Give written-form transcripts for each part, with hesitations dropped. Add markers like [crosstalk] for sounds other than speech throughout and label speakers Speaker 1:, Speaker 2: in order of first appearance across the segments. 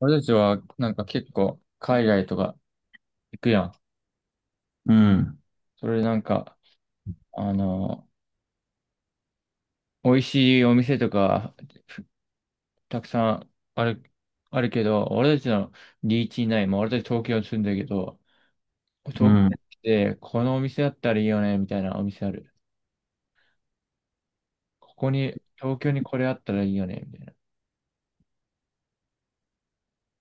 Speaker 1: 俺たちはなんか結構海外とか行くやん。
Speaker 2: うん。
Speaker 1: それでなんか、あの、美味しいお店とかふたくさんあるけど、俺たちのリーチにない。まあ、俺たち東京に住んだけど、
Speaker 2: う
Speaker 1: 東京
Speaker 2: ん。
Speaker 1: に
Speaker 2: い
Speaker 1: 来て、このお店あったらいいよね、みたいなお店ある。ここに、東京にこれあったらいいよね、みたい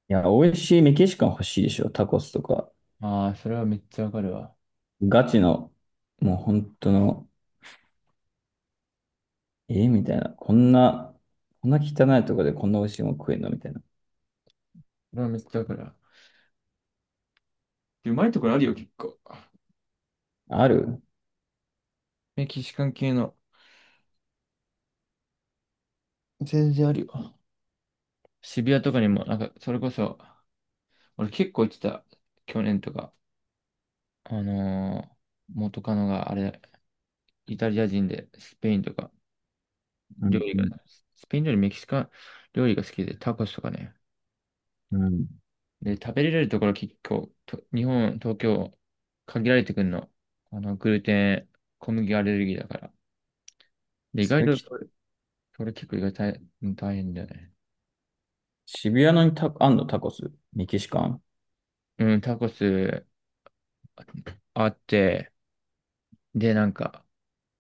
Speaker 2: や、美味しいメキシカン欲しいでしょ。タコスとか。
Speaker 1: な。ああ、それはめっちゃわかるわ。
Speaker 2: ガチの、もう本当の、えみたいな。こんな、こんな汚いとこでこんな美味しいもん食えんのみたいな。
Speaker 1: それはめっちゃわかるわ。でうまいところあるよ、結構。
Speaker 2: ある。
Speaker 1: メキシカン系の。全然あるよ。渋谷とかにも、なんか、それこそ、俺結構言ってた、去年とか。あのー元カノがあれ、イタリア人で、スペインとか、
Speaker 2: う
Speaker 1: 料
Speaker 2: ん
Speaker 1: 理
Speaker 2: う
Speaker 1: が、
Speaker 2: ん。
Speaker 1: スペイン料理、メキシカン料理が好きで、タコスとかね。
Speaker 2: うん。
Speaker 1: で、食べれるところ結構、と日本、東京、限られてくんの。グルテン、小麦アレルギーだから。で、意
Speaker 2: そ
Speaker 1: 外
Speaker 2: れ
Speaker 1: と、
Speaker 2: き、
Speaker 1: それ結構意外と大変大変だよね。
Speaker 2: 渋谷のにあんのタコス。メキシカン。
Speaker 1: うん、タコスあって、で、なんか、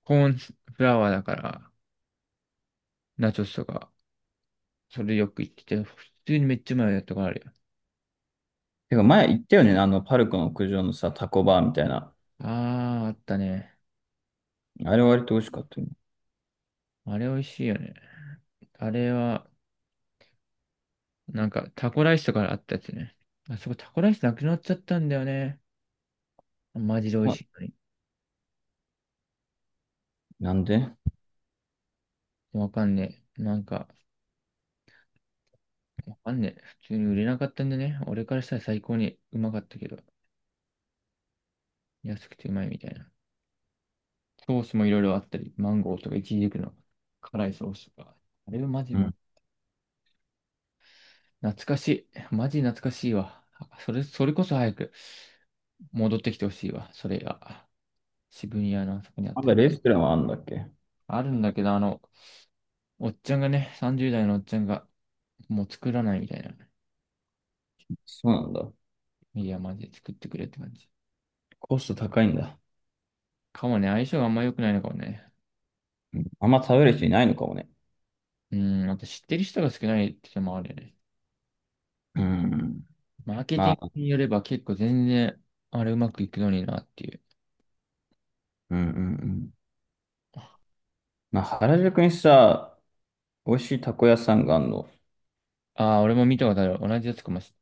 Speaker 1: コーンフラワーだから、ナチョスとか、それよく言ってて、普通にめっちゃうまいやったことかあるよ。
Speaker 2: てか前言ったよね。あの、パルコの屋上のさ、タコバーみたいな。
Speaker 1: ああ、あったね。
Speaker 2: あれ割と美味しかったよね。
Speaker 1: あれ美味しいよね。あれは、なんかタコライスとかあったやつね。あそこタコライスなくなっちゃったんだよね。マジで美味
Speaker 2: あ、
Speaker 1: しいのに。
Speaker 2: なんで？
Speaker 1: わかんねえ。なんか、わかんねえ。普通に売れなかったんでね。俺からしたら最高にうまかったけど、安くてうまいみたいな。ソースもいろいろあったり、マンゴーとかイチジクの辛いソースとか。あれはマジ
Speaker 2: う
Speaker 1: も、
Speaker 2: ん。
Speaker 1: 懐かしい。マジ懐かしいわ。それこそ早く。戻ってきてほしいわ、それが。渋谷のあそこにあっ
Speaker 2: ま
Speaker 1: て。
Speaker 2: だレストランはあんだっけ？
Speaker 1: あるんだけど、おっちゃんがね、30代のおっちゃんが、もう作らないみたいな。
Speaker 2: そうなんだ。
Speaker 1: いや、マジで作ってくれって感じ。
Speaker 2: コスト高いんだ。
Speaker 1: かもね、相性があんま良くないのかもね。
Speaker 2: うん。あんま食べる人いないのかもね。
Speaker 1: うん、あと知ってる人が少ないってのもあるよね。
Speaker 2: うん。
Speaker 1: マーケティン
Speaker 2: まあ、
Speaker 1: グによれば結構全然、あれうまくいくのになっていう。
Speaker 2: うんうんうん。まあ、原宿にさ、美味しいたこ屋さんがあるの。
Speaker 1: ああ、俺も見たことある。同じやつかもし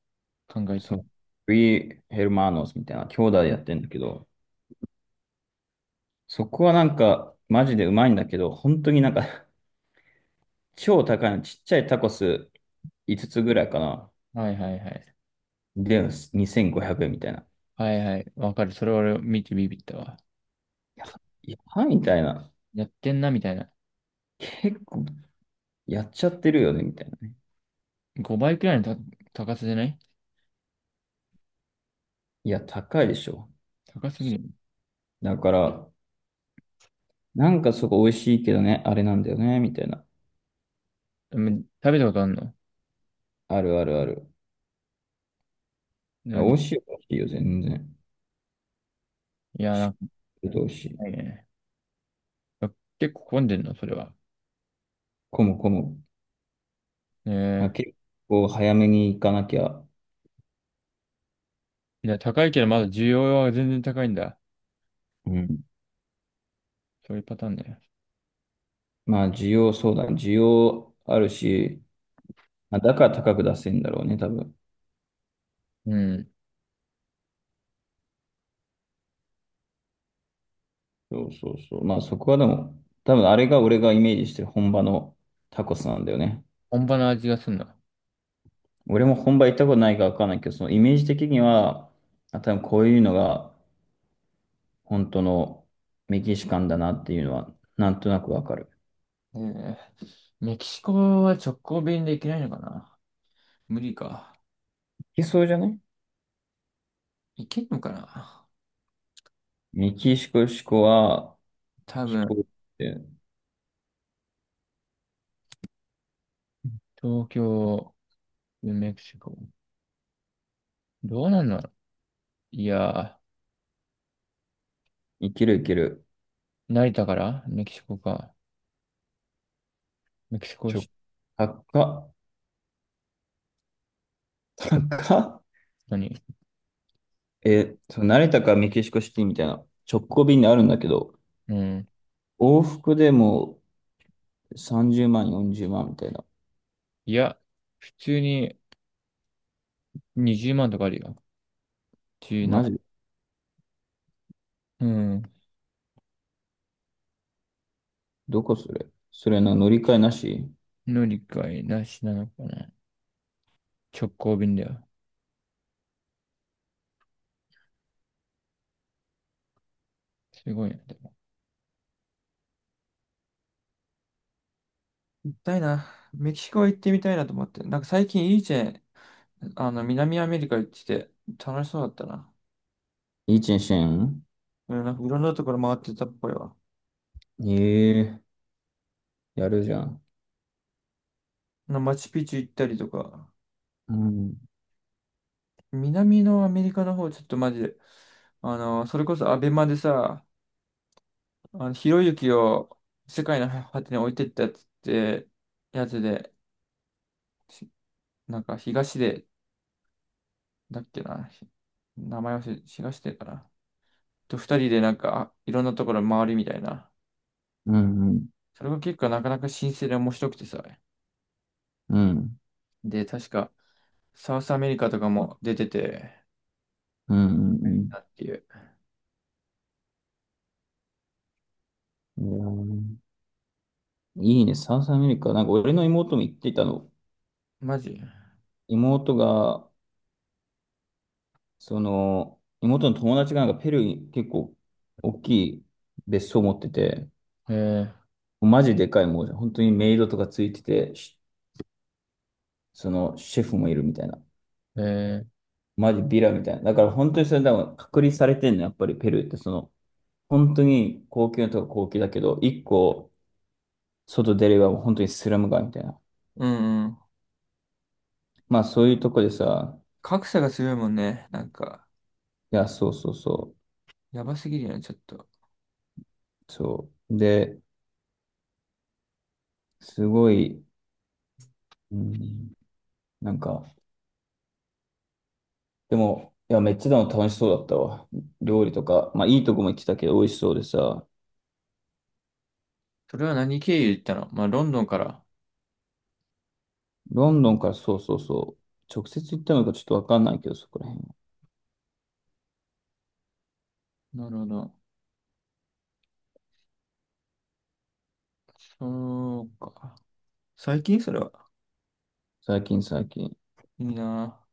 Speaker 1: 考えて
Speaker 2: そ
Speaker 1: る。
Speaker 2: う、フリーヘルマーノスみたいな、兄弟でやってんだけど、そこはなんか、マジでうまいんだけど、本当になんか [laughs] 超高いの、ちっちゃいタコス5つぐらいかな。
Speaker 1: はいはいはい。
Speaker 2: で、2500円みたいな。
Speaker 1: はいはい。わかる。それ俺見てビビったわ。
Speaker 2: や、いやばいみたいな。
Speaker 1: やってんなみたいな。
Speaker 2: 結構、やっちゃってるよね、みたいなね。
Speaker 1: 5倍くらいの高さじゃない？
Speaker 2: いや、高いでしょ。
Speaker 1: 高すぎる。
Speaker 2: だから、なんかそこ美味しいけどね、あれなんだよね、みたいな。
Speaker 1: でも食べたことあんの？
Speaker 2: あるあるある。
Speaker 1: で
Speaker 2: 美
Speaker 1: もい
Speaker 2: 味しいよ、美味しいよ、全然。
Speaker 1: や、な
Speaker 2: し
Speaker 1: んか、も
Speaker 2: ど
Speaker 1: っ
Speaker 2: うし、
Speaker 1: たいないね。結構混んでんの、それは？
Speaker 2: 混む混む。
Speaker 1: ね
Speaker 2: あ、
Speaker 1: え。
Speaker 2: 結構早めに行かなきゃ。
Speaker 1: いや、高いけど、まだ需要は全然高いんだ。
Speaker 2: うん。
Speaker 1: そういうパターンね。
Speaker 2: まあ、需要、そうだ、需要あるし、まあ、だから高く出せんだろうね、多分。
Speaker 1: うん。
Speaker 2: そうそうそう。まあ、そこはでも、多分あれが俺がイメージしてる本場のタコスなんだよね。
Speaker 1: 本場の味がすんな。
Speaker 2: 俺も本場行ったことないからわかんないけど、そのイメージ的には、あ、多分こういうのが本当のメキシカンだなっていうのは、なんとなくわかる。
Speaker 1: ねえ。メキシコは直行便で行けないのかな？無理か。
Speaker 2: いけそうじゃない？
Speaker 1: 行けるのかな？
Speaker 2: メキシコは、
Speaker 1: 多
Speaker 2: 飛
Speaker 1: 分。
Speaker 2: 行機
Speaker 1: 東京、メキシコ。どうなんだろう？いや
Speaker 2: いけるいける。
Speaker 1: ー、成田からメキシコか。メキシコ
Speaker 2: ちょ、
Speaker 1: し、
Speaker 2: 高っ、高っ。
Speaker 1: 何？
Speaker 2: え、そう、成田かメキシコシティみたいな直行便であるんだけど、
Speaker 1: うん。
Speaker 2: 往復でも30万、40万みたいな。
Speaker 1: いや、普通に、20万とかあるよ。
Speaker 2: マ
Speaker 1: 17。
Speaker 2: ジ？
Speaker 1: うん。
Speaker 2: どこそれ？それの乗り換えなし？
Speaker 1: 乗り換えなしなのかな。直行便だよ。すごいな。でも行きたいな。メキシコ行ってみたいなと思って。なんか最近いいチェーン、南アメリカ行ってて楽しそうだったな。
Speaker 2: いいチェンシェン？
Speaker 1: うん、なんかいろんなところ回ってたっぽいわ。
Speaker 2: ええ、やるじゃん。
Speaker 1: マチュピチュ行ったりとか。
Speaker 2: うん、
Speaker 1: 南のアメリカの方、ちょっとマジで、それこそアベマでさ、ひろゆきを世界の果てに置いてったやつって、やつで、しなんかだっけな。名前忘れ、東出かな。と二人でなんか、いろんなところ回るみたいな。
Speaker 2: うん、
Speaker 1: それが結構なかなか新鮮で面白くてさ。
Speaker 2: うん、うん、
Speaker 1: で、確か、サウスアメリカとかも出てて、
Speaker 2: うん、うん。うん。
Speaker 1: なっていう。
Speaker 2: いやーいいね、サウスアメリカ。なんか俺の妹も言ってたの。
Speaker 1: マジ
Speaker 2: 妹が、その、妹の友達がなんかペルーに結構大きい別荘を持ってて、
Speaker 1: え
Speaker 2: マジでかい、もう本当にメイドとかついてて、そのシェフもいるみたいな。
Speaker 1: ー、えー
Speaker 2: マジビラみたいな。だから本当にそれ、だから隔離されてんの、やっぱりペルーってその、本当に高級なとこ高級だけど、一個外出ればもう本当にスラム街みたいな。
Speaker 1: うんうん。
Speaker 2: まあそういうとこでさ、
Speaker 1: 格差がすごいもんね。なんか、
Speaker 2: いや、そうそうそ
Speaker 1: やばすぎるよね、ちょっと。
Speaker 2: う、そう。で、すごい、うん、なんか、でも、いや、めっちゃでも楽しそうだったわ。料理とか、まあいいとこも行ってたけど美味しそうでさ、
Speaker 1: それは何経由で行ったの？まあ、ロンドンから。
Speaker 2: ロンドンから、そうそうそう、直接行ったのかちょっとわかんないけど、そこら辺は。
Speaker 1: なるほど。そうか。最近それは。
Speaker 2: 最近最近。
Speaker 1: いいな。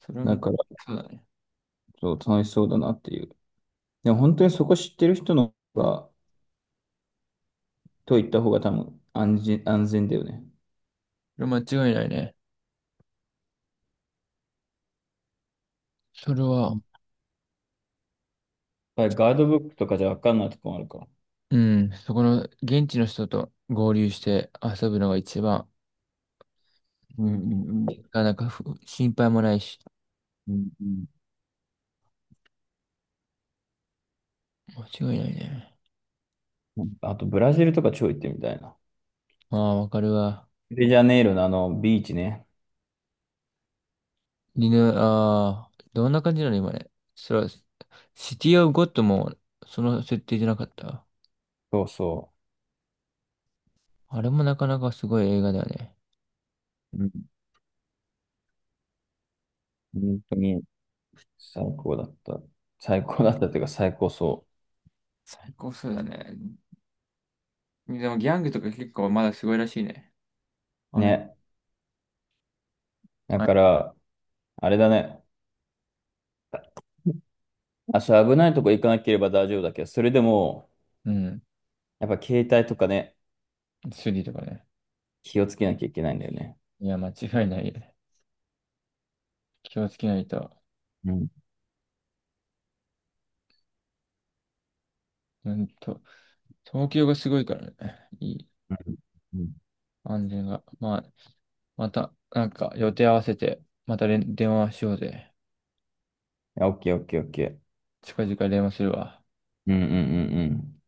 Speaker 1: それは
Speaker 2: だ
Speaker 1: め、
Speaker 2: から、
Speaker 1: そうだね。
Speaker 2: そう、楽しそうだなっていう。でも本当にそこ知ってる人の方が、と行った方が多分安全、安全だよね。
Speaker 1: それ間違いないね。それ
Speaker 2: う
Speaker 1: は、
Speaker 2: ん。やっぱりガイドブックとかじゃわかんないとこもあるから。
Speaker 1: うん、そこの現地の人と合流して遊ぶのが一番、
Speaker 2: うんうんうん。
Speaker 1: なかなか心配もないし、
Speaker 2: うん
Speaker 1: 間違いないね。
Speaker 2: うん。あと、ブラジルとか超行ってみたいな。
Speaker 1: ああ、わかるわ。
Speaker 2: リオデジャネイロのあのビーチね。
Speaker 1: ああ、どんな感じなの今ね。それは、シティオブゴッドもその設定じゃなかった。
Speaker 2: そうそ
Speaker 1: あれもなかなかすごい映画だよね。
Speaker 2: う。うん、本当に最高だった。最高だったっていうか最高そ
Speaker 1: 最高そうだね。でもギャングとか結構まだすごいらしいね。
Speaker 2: う。
Speaker 1: あの、
Speaker 2: ね。だ
Speaker 1: あ
Speaker 2: から、あれだね。あ、危ないとこ行かなければ大丈夫だけど、それでも、
Speaker 1: うん、
Speaker 2: やっぱ携帯とかね、
Speaker 1: スリとかね。
Speaker 2: 気をつけなきゃいけないんだよね。
Speaker 1: いや、間違いないよね。気をつけないと。
Speaker 2: うん。
Speaker 1: うんと、東京がすごいからね。いい
Speaker 2: うん。うん、
Speaker 1: 安全が。まあ、また、なんか予定合わせて、また電話しようぜ。
Speaker 2: やオッケーオッケーオッケー。
Speaker 1: 近々電話するわ。
Speaker 2: うんうんうんうん。